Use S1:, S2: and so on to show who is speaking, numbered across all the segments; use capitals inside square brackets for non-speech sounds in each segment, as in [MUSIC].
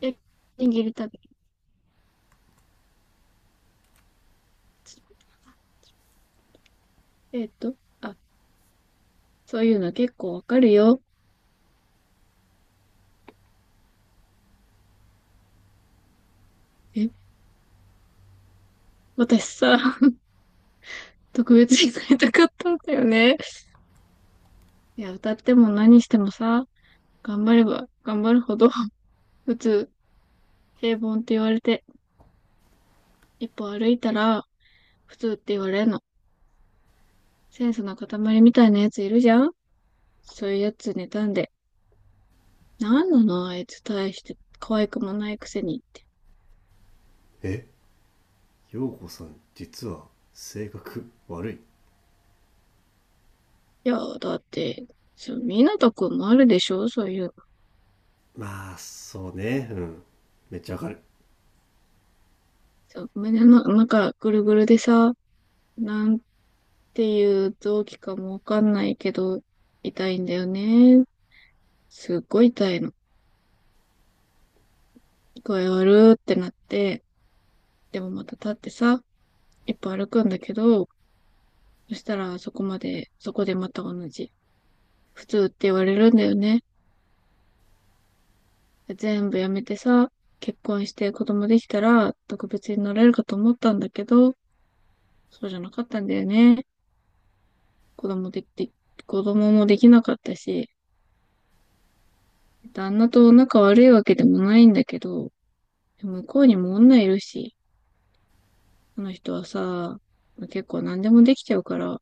S1: え、握りたび。えっと、あ、そういうの結構わかるよ。え、私さ、[LAUGHS] 特別になりたかったんだよね。いや、歌っても何してもさ、頑張れば頑張るほど、[LAUGHS] 普通、平凡って言われて、一歩歩いたら、普通って言われるの。センスの塊みたいなやついるじゃん。そういうやつ妬んで、なんなのあいつ大して可愛くもないくせにって。
S2: え、陽子さん実は性格悪い？
S1: いや、だって、そう、みなとくんもあるでしょ、そういうの。
S2: まあそうね。うん、めっちゃわかる。
S1: そう、胸の中ぐるぐるでさ、なんていう臓器かもわかんないけど、痛いんだよね。すっごい痛いの。具合悪ってなって、でもまた立ってさ、一歩歩くんだけど、そしたらそこまで、そこでまた同じ。普通って言われるんだよね。全部やめてさ、結婚して子供できたら特別になれるかと思ったんだけど、そうじゃなかったんだよね。子供できて、子供もできなかったし、旦那と仲悪いわけでもないんだけど、でも向こうにも女いるし、あの人はさ、結構何でもできちゃうから、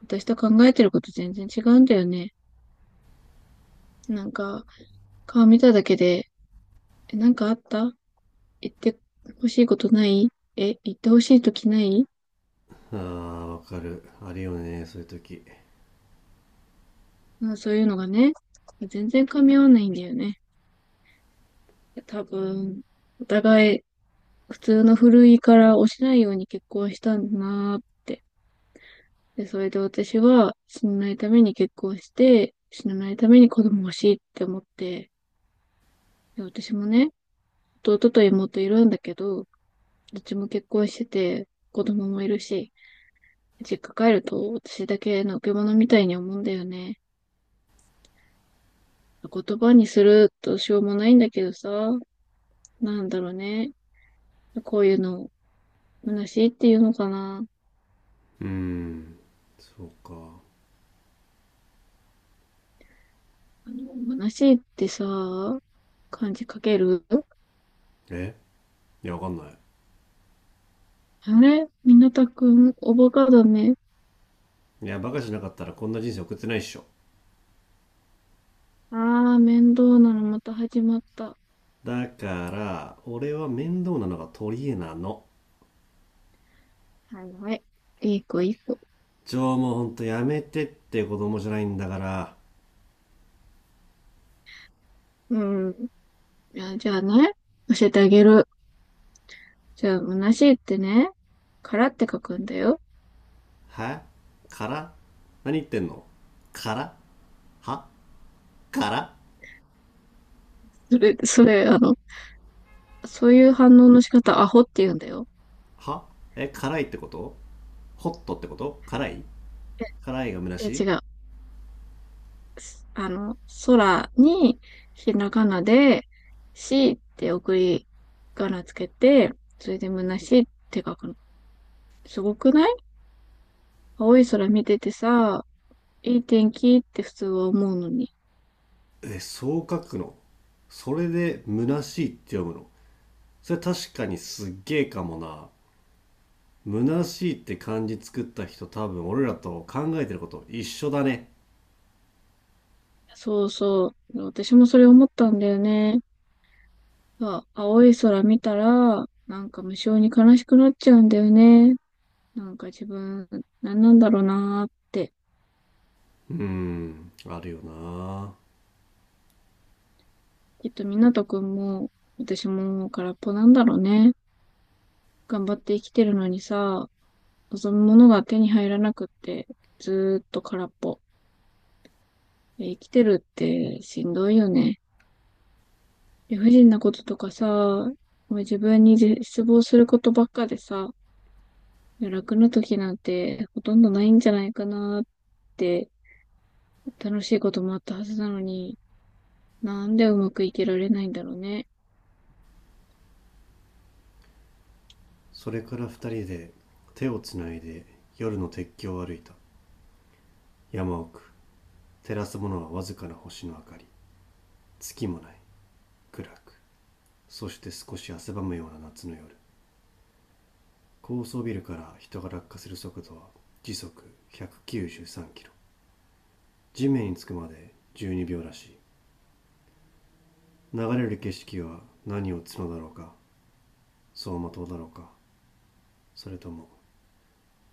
S1: 私と考えてること全然違うんだよね。なんか、顔見ただけで、え、なんかあった、言ってほしいことない、え、言ってほしいときない？
S2: あーわかる、あるよねそういう時。
S1: うん、そういうのがね、全然噛み合わないんだよね。多分、お互い普通の古いから落ちないように結婚したんだなーって。で、それで私は死なないために結婚して、死なないために子供欲しいって思って、で、私もね、弟と妹いるんだけど、どっちも結婚してて、子供もいるし、実家帰ると私だけのけ者みたいに思うんだよね。言葉にするとしょうもないんだけどさ、なんだろうね。こういうの、虚しいっていうのかな。
S2: うーん、そうか。
S1: 虚しいってさ、漢字書ける？
S2: え、いやわかんない。
S1: あれ、みなたくん、おバカだね。
S2: いやバカじゃなかったらこんな人生送ってないっしょ。
S1: ああ、面倒なのまた始まった。
S2: だから俺は面倒なのが取り柄なの。
S1: はいはい。いい子いい子。
S2: じゃあもうほんとやめてって、子供じゃないんだから。
S1: うん。いや、じゃあね、教えてあげる。じゃあ、虚しいってね、からって書くんだよ。
S2: は？から？何言ってんの？から？は？から？
S1: それ、そういう反応の仕方、アホって言うんだよ。
S2: は？え、辛いってこと？ホットってこと？辛い？辛いが虚し
S1: え、
S2: い？
S1: 違う。あの、空に、ひらがなで、しって送り仮名つけて、それで虚しいって書くの。すごくない？青い空見ててさ、いい天気って普通は思うのに。
S2: え、そう書くの？それで虚しいって読むの？それ確かにすっげえかもな。虚しいって漢字作った人、多分俺らと考えてること一緒だね。
S1: そうそう。私もそれ思ったんだよね。さ、青い空見たら、なんか無性に悲しくなっちゃうんだよね。なんか自分、何なんだろうなーって。
S2: うーん、あるよな。
S1: きっと湊くんも、私も空っぽなんだろうね。頑張って生きてるのにさ、望むものが手に入らなくって、ずーっと空っぽ。え、生きてるってしんどいよね。理不尽なこととかさ、もう自分に絶望することばっかでさ、いや、楽な時なんてほとんどないんじゃないかなーって、楽しいこともあったはずなのに、なんでうまくいけられないんだろうね。
S2: それから二人で手をつないで夜の鉄橋を歩いた。山奥。照らすものはわずかな星の明かり。月もない。暗く。そして少し汗ばむような夏の夜。高層ビルから人が落下する速度は時速193キロ、地面につくまで12秒らしい。流れる景色は何を角だろうか、走馬灯だろうか、それとも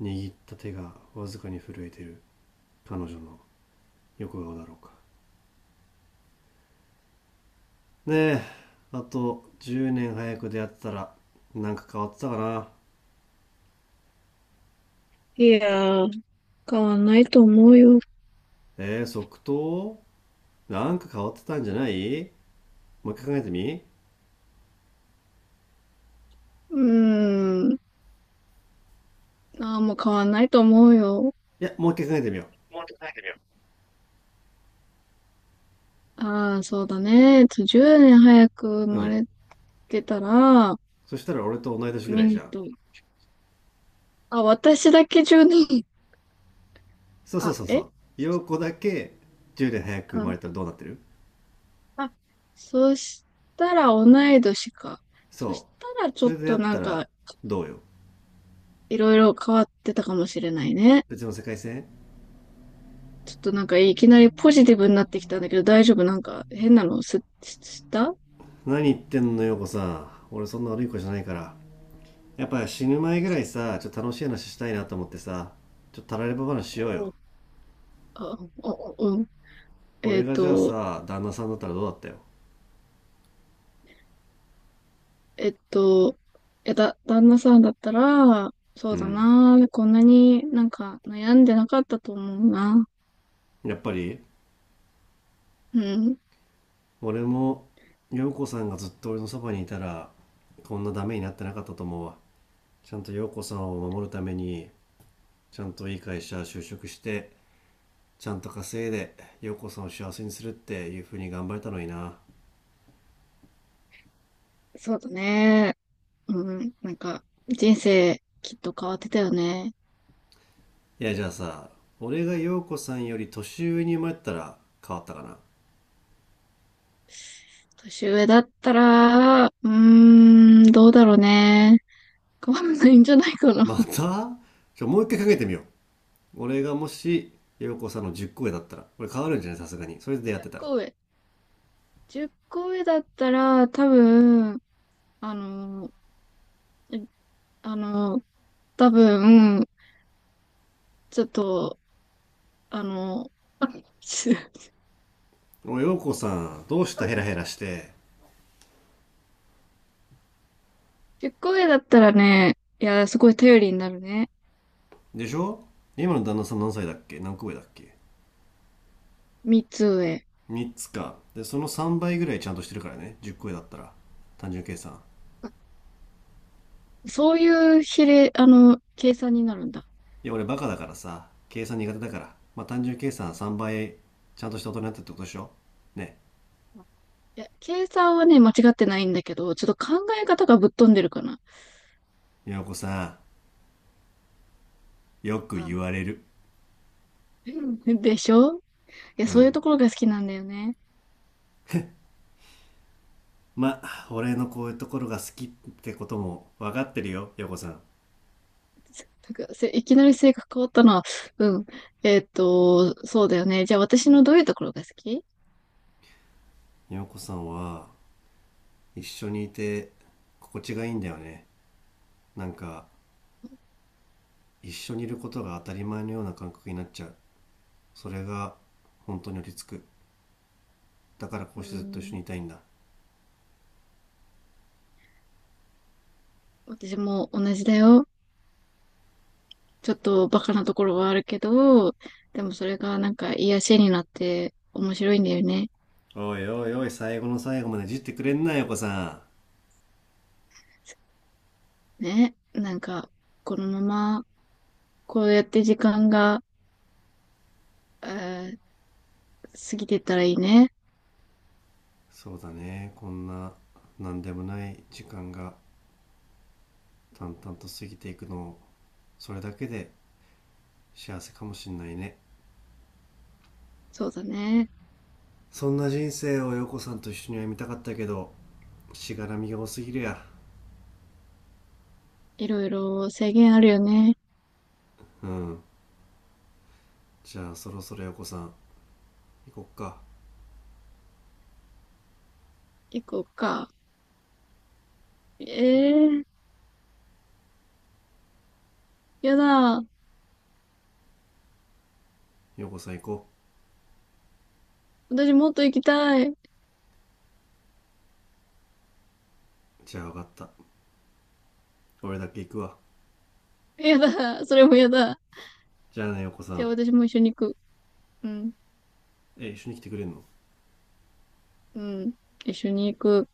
S2: 握った手がわずかに震えてる彼女の横顔だろうか。ねえ、あと10年早く出会ってたらなんか変わってたかな？
S1: いやー、変わんないと思うよ。
S2: えー、即答？なんか変わってたんじゃない？もう一回考えてみい。
S1: うーん。ああ、もう変わんないと思うよ。
S2: もう一回考えてみよ
S1: ああ、そうだね。10年早く生
S2: う。う
S1: ま
S2: ん、
S1: れてたら、
S2: そしたら俺と同い年ぐ
S1: ミ
S2: らいじゃ
S1: ニ
S2: ん。
S1: と。あ、私だけ10年。
S2: そうそう
S1: あ、
S2: そうそ
S1: え
S2: う、陽子だけ10年早く生ま
S1: あ、
S2: れたらどうなってる？
S1: あ、そしたら同い年か。そし
S2: そ
S1: たら
S2: う、
S1: ち
S2: そ
S1: ょっ
S2: れでや
S1: と
S2: っ
S1: な
S2: た
S1: ん
S2: ら
S1: か、
S2: どうよ？
S1: いろいろ変わってたかもしれないね。
S2: 別の世界線。
S1: ちょっとなんかいきなりポジティブになってきたんだけど大丈夫？なんか変なの、す、しした、
S2: 何言ってんの陽子さん、俺そんな悪い子じゃないから。やっぱ死ぬ前ぐらいさ、ちょっと楽しい話したいなと思ってさ、ちょっとたられば話しようよ。
S1: うあ、お、おうん。え
S2: 俺
S1: っ
S2: がじゃあ
S1: と、
S2: さ、旦那さんだったらどうだったよ？
S1: えっと、いやだ、旦那さんだったら、そ
S2: う
S1: うだ
S2: ん、
S1: な、こんなになんか悩んでなかったと思うな。
S2: やっぱり。
S1: うん、
S2: 俺も陽子さんがずっと俺のそばにいたらこんなダメになってなかったと思うわ。ちゃんと陽子さんを守るためにちゃんといい会社就職して、ちゃんと稼いで陽子さんを幸せにするっていう風に頑張れたのにな。
S1: そうだね。うん、なんか人生きっと変わってたよね。
S2: いやじゃあさ、俺が陽子さんより年上に生まれたら変わったかな？
S1: 年上だったら、うーん、どうだろうね。変わらないんじゃないかな。
S2: ま
S1: [LAUGHS]
S2: た、もう一回かけてみよう。俺がもし陽子さんの10個上だったら俺変わるんじゃない？さすがにそれで出会ってたら。
S1: 10上。10個上だったら、多分、あの、えあの、多分、ちょっと、あの、す
S2: おい陽子さん、どうしたヘラヘ
S1: [LAUGHS]
S2: ラして。
S1: 10個上だったらね、いや、すごい頼りになるね。
S2: でしょ？今の旦那さん何歳だっけ、何個上だっけ？
S1: 3つ上。
S2: 3つか、でその3倍ぐらいちゃんとしてるからね、10個上だったら。単純計算。
S1: そういう比例、計算になるんだ。
S2: いや俺バカだからさ、計算苦手だからまあ単純計算3倍、ちゃんとした大人になってってことでしょ？ね？
S1: いや、計算はね、間違ってないんだけど、ちょっと考え方がぶっ飛んでるかな。
S2: え、陽子さんよく
S1: あ、
S2: 言われる？
S1: [LAUGHS] でしょ。いや、
S2: う
S1: そういう
S2: ん、
S1: ところが好きなんだよね。
S2: まあ俺のこういうところが好きってことも分かってるよ、よ子さん。
S1: なんかせ、いきなり性格変わったな。うん。そうだよね。じゃあ私のどういうところが好き？
S2: 陽子さんは一緒にいて心地がいいんだよね。なんか一緒にいることが当たり前のような感覚になっちゃう。それが本当に落ち着く。だからこう
S1: う
S2: してずっと一緒
S1: ん。
S2: にいたいんだ。
S1: 私も同じだよ。ちょっとバカなところはあるけど、でもそれがなんか癒しになって面白いんだよね。
S2: おいおいおい、最後の最後までいじってくれんなよ子さん。
S1: ね。なんか、このままこうやって時間が、えー過ぎてったらいいね。
S2: そうだね、こんな何でもない時間が淡々と過ぎていくのを、それだけで幸せかもしんないね。
S1: そうだね。
S2: そんな人生を陽子さんと一緒には見たかったけど、しがらみが多すぎるや。
S1: いろいろ制限あるよね。
S2: うん、じゃあそろそろ陽子さん、行こっか。
S1: 行こうか。ええー、やだ。
S2: 陽子さん行こ
S1: 私もっと行きたい。
S2: う。じゃあ分かった、俺だけ行くわ。
S1: やだ。それもやだ。
S2: じゃあね陽子さ
S1: じゃ
S2: ん。
S1: あ私も一緒に行く。うん。
S2: え、一緒に来てくれんの？
S1: うん。一緒に行く。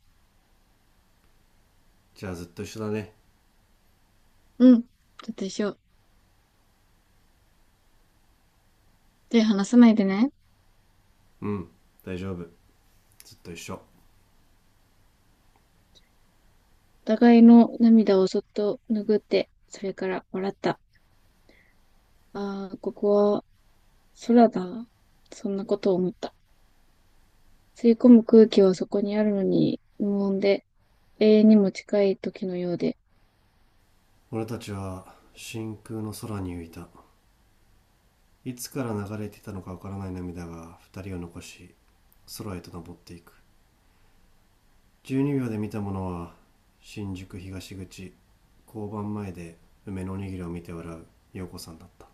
S2: じゃあずっと一緒だね。
S1: うん。ちょっと一緒。手離さないでね。
S2: うん、大丈夫、ずっと一緒。
S1: お互いの涙をそっと拭って、それから笑った。ああ、ここは空だ。そんなことを思った。吸い込む空気はそこにあるのに、無音で、永遠にも近い時のようで、
S2: 俺たちは真空の空に浮いた。いつから流れていたのかわからない涙が二人を残し空へと登っていく。十二秒で見たものは、新宿東口、交番前で梅のおにぎりを見て笑う陽子さんだった。